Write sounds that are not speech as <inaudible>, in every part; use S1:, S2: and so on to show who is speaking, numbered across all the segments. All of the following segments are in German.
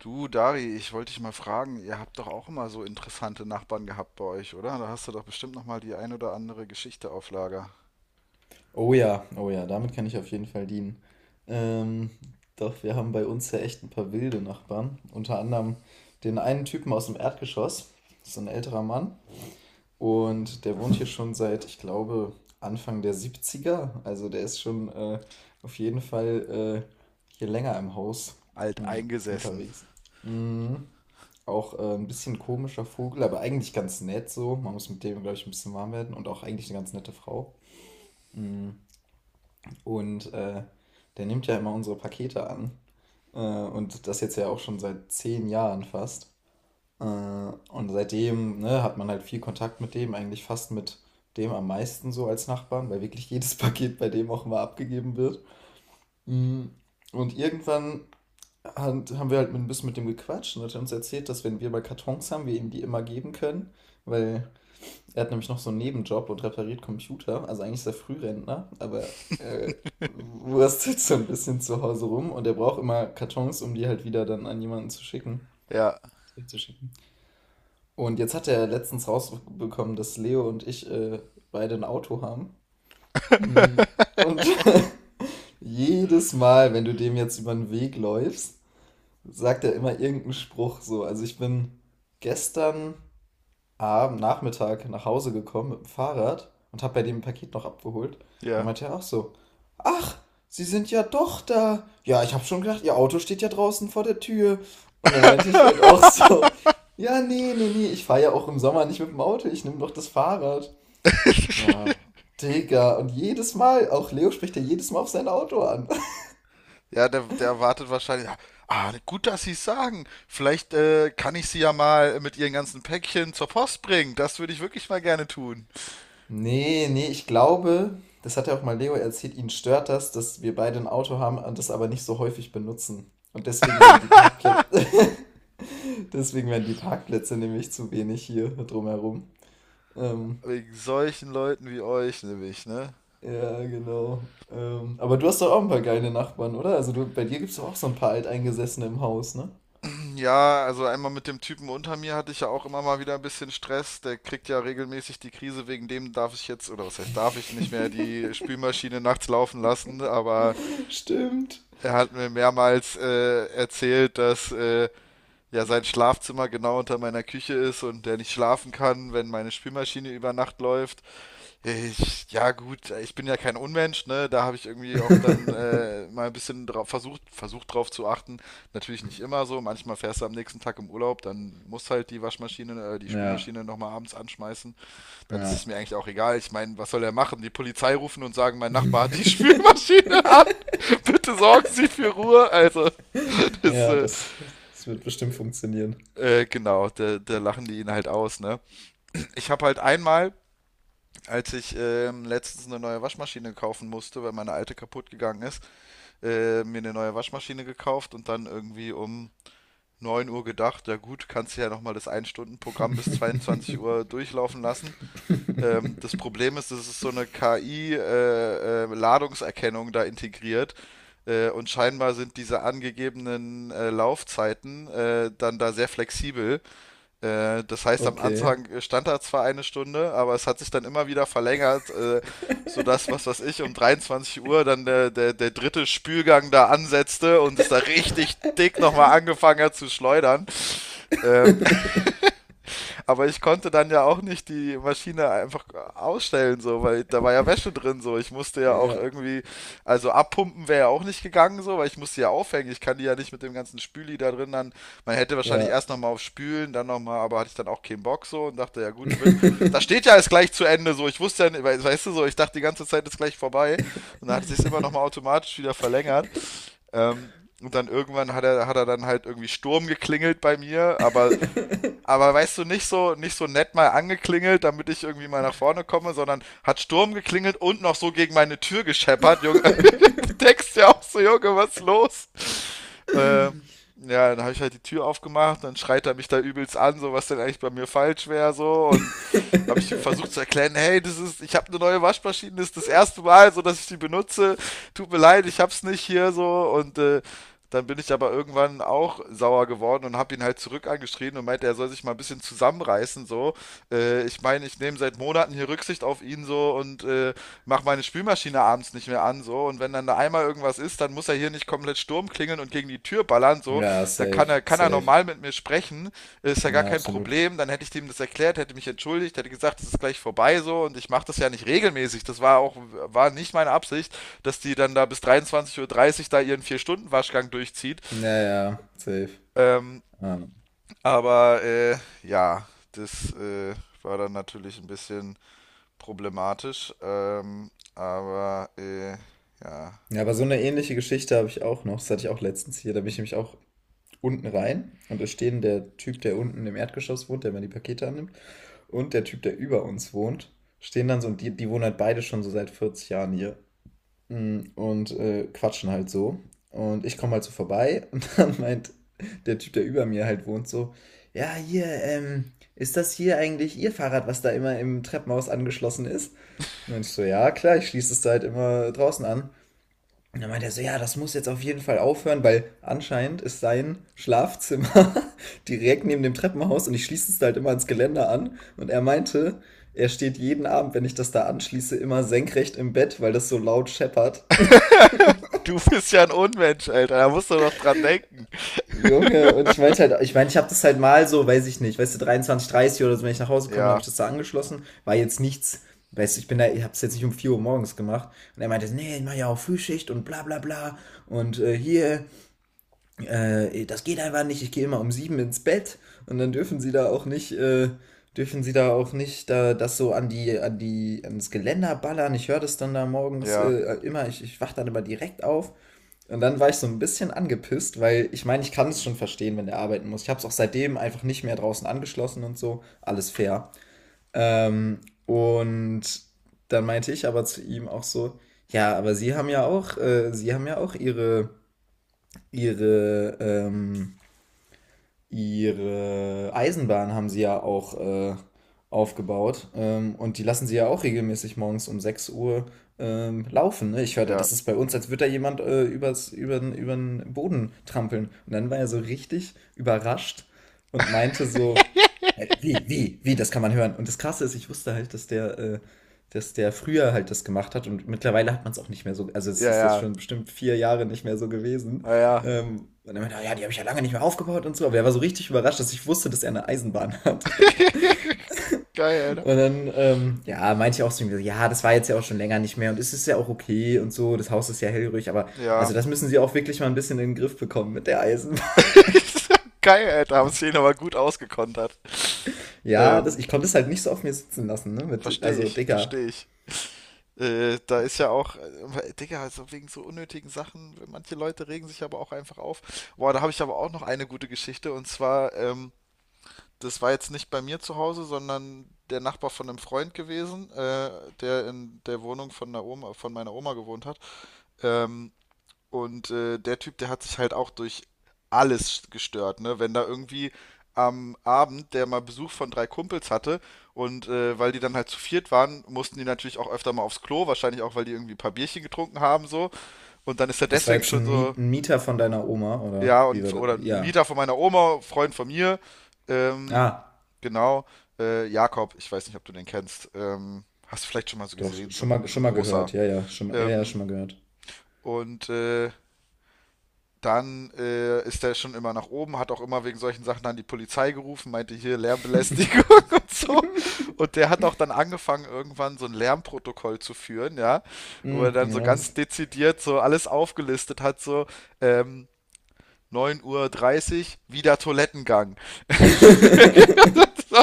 S1: Du, Dari, ich wollte dich mal fragen, ihr habt doch auch immer so interessante Nachbarn gehabt bei euch, oder? Da hast du doch bestimmt noch mal die ein oder andere Geschichte auf Lager.
S2: Oh ja, oh ja, damit kann ich auf jeden Fall dienen. Ähm, doch wir haben bei uns ja echt ein paar wilde Nachbarn. Unter anderem den einen Typen aus dem Erdgeschoss, so ein älterer Mann. Und der wohnt hier schon seit, ich glaube, Anfang der 70er. Also der ist schon auf jeden Fall hier länger im Haus
S1: Alt
S2: mm,
S1: eingesessen.
S2: unterwegs. Mm, Auch ein bisschen komischer Vogel, aber eigentlich ganz nett so. Man muss mit dem, glaube ich, ein bisschen warm werden und auch eigentlich eine ganz nette Frau. Mm. Und der nimmt ja immer unsere Pakete an. Und das jetzt ja auch schon seit 10 Jahren fast. Und seitdem, ne, hat man halt viel Kontakt mit dem, eigentlich fast mit dem am meisten so als Nachbarn, weil wirklich <laughs> jedes Paket bei dem auch immer abgegeben wird. Mm, Und irgendwann haben wir halt ein bisschen mit dem gequatscht und hat er uns erzählt, dass, wenn wir mal Kartons haben, wir ihm die immer geben können, weil er hat nämlich noch so einen Nebenjob und repariert Computer. Also eigentlich ist er Frührentner, aber wurstelt so ein bisschen zu Hause rum, und er braucht immer Kartons, um die halt wieder dann an jemanden zu schicken.
S1: Ja,
S2: Zu schicken. Und jetzt hat er letztens rausbekommen, dass Leo und ich beide ein Auto haben. Mhm. Und <laughs> jedes Mal, wenn du dem jetzt über den Weg läufst, sagt er immer irgendeinen Spruch so. Also ich bin gestern am Nachmittag nach Hause gekommen mit dem Fahrrad und habe bei dem ein Paket noch abgeholt. Und dann
S1: ja.
S2: meinte er auch so: ach, Sie sind ja doch da. Ja, ich habe schon gedacht, Ihr Auto steht ja draußen vor der Tür. Und dann meinte ich halt auch so:
S1: <laughs>
S2: <laughs> ja, nee, nee, nee, ich fahre ja auch im Sommer nicht mit dem Auto, ich nehme doch das Fahrrad. Ja, Digga, und jedes Mal, auch Leo spricht ja jedes Mal auf sein Auto an.
S1: Ja, der erwartet wahrscheinlich. Ah, ah, gut, dass Sie es sagen. Vielleicht kann ich Sie ja mal mit Ihren ganzen Päckchen zur Post bringen. Das würde ich wirklich mal gerne tun.
S2: Nee, nee, ich glaube, das hat ja auch mal Leo erzählt, ihn stört das, dass wir beide ein Auto haben und das aber nicht so häufig benutzen. Und deswegen werden die Parkplätze, <laughs> deswegen werden die Parkplätze nämlich zu wenig hier drumherum. Ähm,
S1: Wegen solchen Leuten wie euch, nämlich, ne?
S2: ja, genau. Aber du hast doch auch ein paar geile Nachbarn, oder? Also du, bei dir gibt es doch auch so ein paar Alteingesessene im Haus, ne?
S1: Ja, also einmal mit dem Typen unter mir hatte ich ja auch immer mal wieder ein bisschen Stress. Der kriegt ja regelmäßig die Krise, wegen dem darf ich jetzt, oder was heißt, darf ich nicht mehr die Spülmaschine nachts laufen lassen, aber
S2: <laughs> Stimmt.
S1: er hat mir mehrmals erzählt, dass ja sein Schlafzimmer genau unter meiner Küche ist und der nicht schlafen kann, wenn meine Spülmaschine über Nacht läuft. Ich, ja gut, ich bin ja kein Unmensch, ne? Da habe ich irgendwie auch dann
S2: <laughs>
S1: mal ein bisschen drauf versucht drauf zu achten. Natürlich nicht immer so. Manchmal fährst du am nächsten Tag im Urlaub, dann muss halt die Waschmaschine, die
S2: Ja,
S1: Spülmaschine nochmal abends anschmeißen. Dann ist
S2: ja.
S1: es mir eigentlich auch egal. Ich meine, was soll er machen? Die Polizei rufen und sagen, mein Nachbar hat die <laughs>
S2: <laughs>
S1: Spülmaschine an. <laughs> Bitte sorgen Sie für Ruhe. Also, <laughs> das,
S2: Ja, das wird bestimmt funktionieren.
S1: genau, da lachen die ihn halt aus, ne? Ich habe halt einmal als ich letztens eine neue Waschmaschine kaufen musste, weil meine alte kaputt gegangen ist, mir eine neue Waschmaschine gekauft und dann irgendwie um 9 Uhr gedacht, ja gut, kannst du ja nochmal das 1-Stunden-Programm bis 22 Uhr durchlaufen lassen. Das
S2: <laughs> <laughs>
S1: Problem ist, es ist so eine KI-Ladungserkennung da integriert. Und scheinbar sind diese angegebenen Laufzeiten dann da sehr flexibel. Das heißt, am
S2: Okay.
S1: Anfang stand da zwar eine Stunde, aber es hat sich dann immer wieder verlängert, sodass, was weiß ich, um 23 Uhr dann der dritte Spülgang da ansetzte und es da richtig dick nochmal angefangen hat zu schleudern. Ähm, aber ich konnte dann ja auch nicht die Maschine einfach ausstellen, so, weil da war ja Wäsche drin, so. Ich musste ja auch
S2: Ja,
S1: irgendwie, also abpumpen wäre ja auch nicht gegangen, so, weil ich musste ja aufhängen. Ich kann die ja nicht mit dem ganzen Spüli da drin dann. Man hätte wahrscheinlich
S2: ja.
S1: erst nochmal auf Spülen, dann nochmal, aber hatte ich dann auch keinen Bock, so, und dachte, ja gut, wird, da steht
S2: <laughs>
S1: ja alles gleich zu Ende, so. Ich wusste ja, nicht, weißt du, so, ich dachte, die ganze Zeit ist gleich vorbei. Und dann hat es sich immer nochmal automatisch wieder verlängert. Ähm, und dann irgendwann hat er dann halt irgendwie Sturm geklingelt bei mir, aber weißt du, nicht so, nicht so nett mal angeklingelt, damit ich irgendwie mal nach vorne komme, sondern hat Sturm geklingelt und noch so gegen meine Tür gescheppert, Junge. <laughs> Denkst ja auch so, Junge, was ist los? Äh, ja, dann habe ich halt die Tür aufgemacht, dann schreit er mich da übelst an, so was denn eigentlich bei mir falsch wäre, so und habe ich ihm versucht zu erklären, hey, das ist, ich habe eine neue Waschmaschine, das ist das erste Mal, so dass ich die benutze, tut mir leid, ich hab's nicht hier so und dann bin ich aber irgendwann auch sauer geworden und habe ihn halt zurück angeschrien und meinte, er soll sich mal ein bisschen zusammenreißen, so. Ich meine, ich nehme seit Monaten hier Rücksicht auf ihn so und mache meine Spülmaschine abends uns nicht mehr an, so. Und wenn dann da einmal irgendwas ist, dann muss er hier nicht komplett Sturm klingeln und gegen die Tür ballern, so.
S2: Ja,
S1: Dann
S2: safe,
S1: kann er
S2: safe.
S1: normal mit mir sprechen, ist ja gar
S2: Ja,
S1: kein
S2: absolut.
S1: Problem. Dann hätte ich dem das erklärt, hätte mich entschuldigt, hätte gesagt, es ist gleich vorbei, so. Und ich mache das ja nicht regelmäßig. Das war auch, war nicht meine Absicht, dass die dann da bis 23:30 Uhr da ihren Vier-Stunden-Waschgang durchzieht.
S2: Ja, ja, safe.
S1: Ähm,
S2: Ja.
S1: aber, ja, das, war dann natürlich ein bisschen problematisch, aber ja,
S2: Ja, aber so
S1: na,
S2: eine ähnliche Geschichte habe ich auch noch. Das hatte ich auch letztens hier. Da bin ich nämlich auch unten rein und da stehen der Typ, der unten im Erdgeschoss wohnt, der immer die Pakete annimmt, und der Typ, der über uns wohnt, stehen dann so, und die, die wohnen halt beide schon so seit 40 Jahren hier. Und quatschen halt so. Und ich komme halt so vorbei und <laughs> dann meint der Typ, der über mir halt wohnt, so: ja, hier, ist das hier eigentlich Ihr Fahrrad, was da immer im Treppenhaus angeschlossen ist? Und ich so: ja, klar, ich schließe es da halt immer draußen an. Und dann meint er so: ja, das muss jetzt auf jeden Fall aufhören, weil anscheinend ist sein Schlafzimmer <laughs> direkt neben dem Treppenhaus, und ich schließe es da halt immer ans Geländer an. Und er meinte, er steht jeden Abend, wenn ich das da anschließe, immer senkrecht im Bett, weil das so laut scheppert.
S1: Du bist ja ein Unmensch, Alter. Da musst du doch dran denken.
S2: Junge, und ich meinte halt, ich meine, ich habe das halt mal so, weiß ich nicht, weißt du, 23:30 oder so, wenn ich nach Hause komme, habe
S1: Ja,
S2: ich das da angeschlossen, war jetzt nichts, weißt du, ich bin da, ich habe es jetzt nicht um 4 Uhr morgens gemacht, und er meinte: nee, ich mache ja auch Frühschicht und bla bla bla und hier, das geht einfach nicht, ich gehe immer um 7 ins Bett, und dann dürfen sie da auch nicht da, das so ans Geländer ballern, ich höre das dann da morgens
S1: ja,
S2: immer, ich wach dann immer direkt auf. Und dann war ich so ein bisschen angepisst, weil ich meine, ich kann es schon verstehen, wenn der arbeiten muss. Ich habe es auch seitdem einfach nicht mehr draußen angeschlossen und so. Alles fair. Ähm, und dann meinte ich aber zu ihm auch so: ja, aber Sie haben ja auch Ihre, ihre Eisenbahn haben sie ja auch aufgebaut. Und die lassen sie ja auch regelmäßig morgens um 6 Uhr laufen. Ne? Ich hörte,
S1: ja.
S2: das ist bei uns, als würde da jemand übern Boden trampeln. Und dann war er so richtig überrascht und meinte so: wie, das kann man hören. Und das Krasse ist, ich wusste halt, dass der früher halt das gemacht hat, und mittlerweile hat man es auch nicht mehr so, also es
S1: Ja,
S2: ist jetzt
S1: ja.
S2: schon bestimmt 4 Jahre nicht mehr so gewesen,
S1: Ja, ja.
S2: und dann meinte er: ja, die habe ich ja lange nicht mehr aufgebaut und so. Aber er war so richtig überrascht, dass ich wusste, dass er eine Eisenbahn <laughs> hat.
S1: Geil, Alter.
S2: Und dann, ja, meinte ich auch zu ihm: ja, das war jetzt ja auch schon länger nicht mehr, und es ist ja auch okay und so. Das Haus ist ja hellhörig, aber
S1: Ja.
S2: also das müssen sie auch wirklich mal ein bisschen in den Griff bekommen mit der Eisenbahn. <laughs>
S1: Geil, Alter. Haben sie ihn aber gut ausgekontert.
S2: Ja,
S1: Ähm,
S2: ich konnte es halt nicht so auf mir sitzen lassen, ne? Mit,
S1: verstehe
S2: also,
S1: ich,
S2: Digga,
S1: verstehe ich. Da ist ja auch, Digga, also wegen so unnötigen Sachen, manche Leute regen sich aber auch einfach auf. Boah, da habe ich aber auch noch eine gute Geschichte und zwar, das war jetzt nicht bei mir zu Hause, sondern der Nachbar von einem Freund gewesen, der in der Wohnung von der Oma, von meiner Oma gewohnt hat. Ähm, und der Typ, der hat sich halt auch durch alles gestört, ne? Wenn da irgendwie am Abend der mal Besuch von drei Kumpels hatte und weil die dann halt zu viert waren, mussten die natürlich auch öfter mal aufs Klo, wahrscheinlich auch, weil die irgendwie ein paar Bierchen getrunken haben so. Und dann ist er
S2: das war
S1: deswegen
S2: jetzt
S1: schon so,
S2: Ein Mieter von deiner Oma, oder
S1: ja,
S2: wie
S1: und
S2: war das?
S1: oder ein
S2: Ja.
S1: Mieter von meiner Oma, Freund von mir, ähm,
S2: Ah,
S1: genau, Jakob, ich weiß nicht, ob du den kennst, hast du vielleicht schon mal so
S2: doch,
S1: gesehen, so ein
S2: schon mal
S1: großer.
S2: gehört. Ja, ja, ja, ja,
S1: Ähm,
S2: schon mal gehört.
S1: und dann ist er schon immer nach oben, hat auch immer wegen solchen Sachen dann die Polizei gerufen, meinte hier Lärmbelästigung <laughs> und so. Und der hat auch dann angefangen, irgendwann so ein Lärmprotokoll zu führen, ja, wo er
S2: Mm,
S1: dann so ganz
S2: nice.
S1: dezidiert so alles aufgelistet hat, so ähm, 9.30 Uhr, dreißig, wieder Toilettengang.
S2: <laughs>
S1: <laughs> so,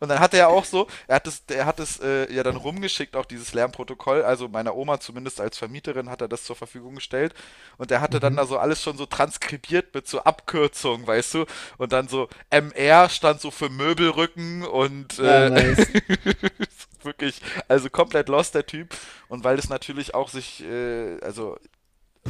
S1: und dann hat er ja auch so, er hat es ja dann rumgeschickt, auch dieses Lärmprotokoll. Also meiner Oma zumindest als Vermieterin hat er das zur Verfügung gestellt. Und er hatte dann da
S2: Mhm.
S1: so alles schon so transkribiert mit so Abkürzungen, weißt du? Und dann so MR stand so für Möbelrücken und
S2: Ja, nice.
S1: <laughs> wirklich, also komplett lost der Typ. Und weil das natürlich auch sich, also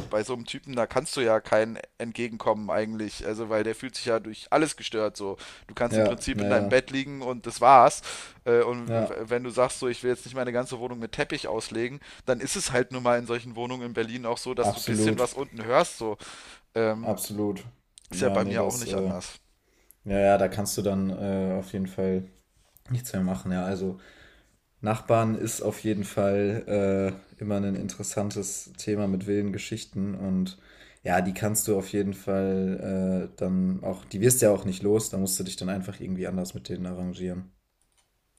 S1: bei so einem Typen, da kannst du ja kein Entgegenkommen eigentlich, also weil der fühlt sich ja durch alles gestört so. Du kannst im
S2: Ja,
S1: Prinzip in
S2: ja,
S1: deinem
S2: ja.
S1: Bett liegen und das war's. Und w-
S2: Ja,
S1: wenn du sagst so, ich will jetzt nicht meine ganze Wohnung mit Teppich auslegen, dann ist es halt nun mal in solchen Wohnungen in Berlin auch so, dass du ein bisschen
S2: absolut.
S1: was unten hörst so. Ähm,
S2: Absolut.
S1: ist ja
S2: Ja,
S1: bei
S2: nee,
S1: mir auch nicht anders.
S2: ja, ja, da kannst du dann auf jeden Fall nichts mehr machen. Ja, also Nachbarn ist auf jeden Fall immer ein interessantes Thema mit wilden Geschichten, und ja, die kannst du auf jeden Fall dann auch, die wirst du ja auch nicht los, da musst du dich dann einfach irgendwie anders mit denen arrangieren.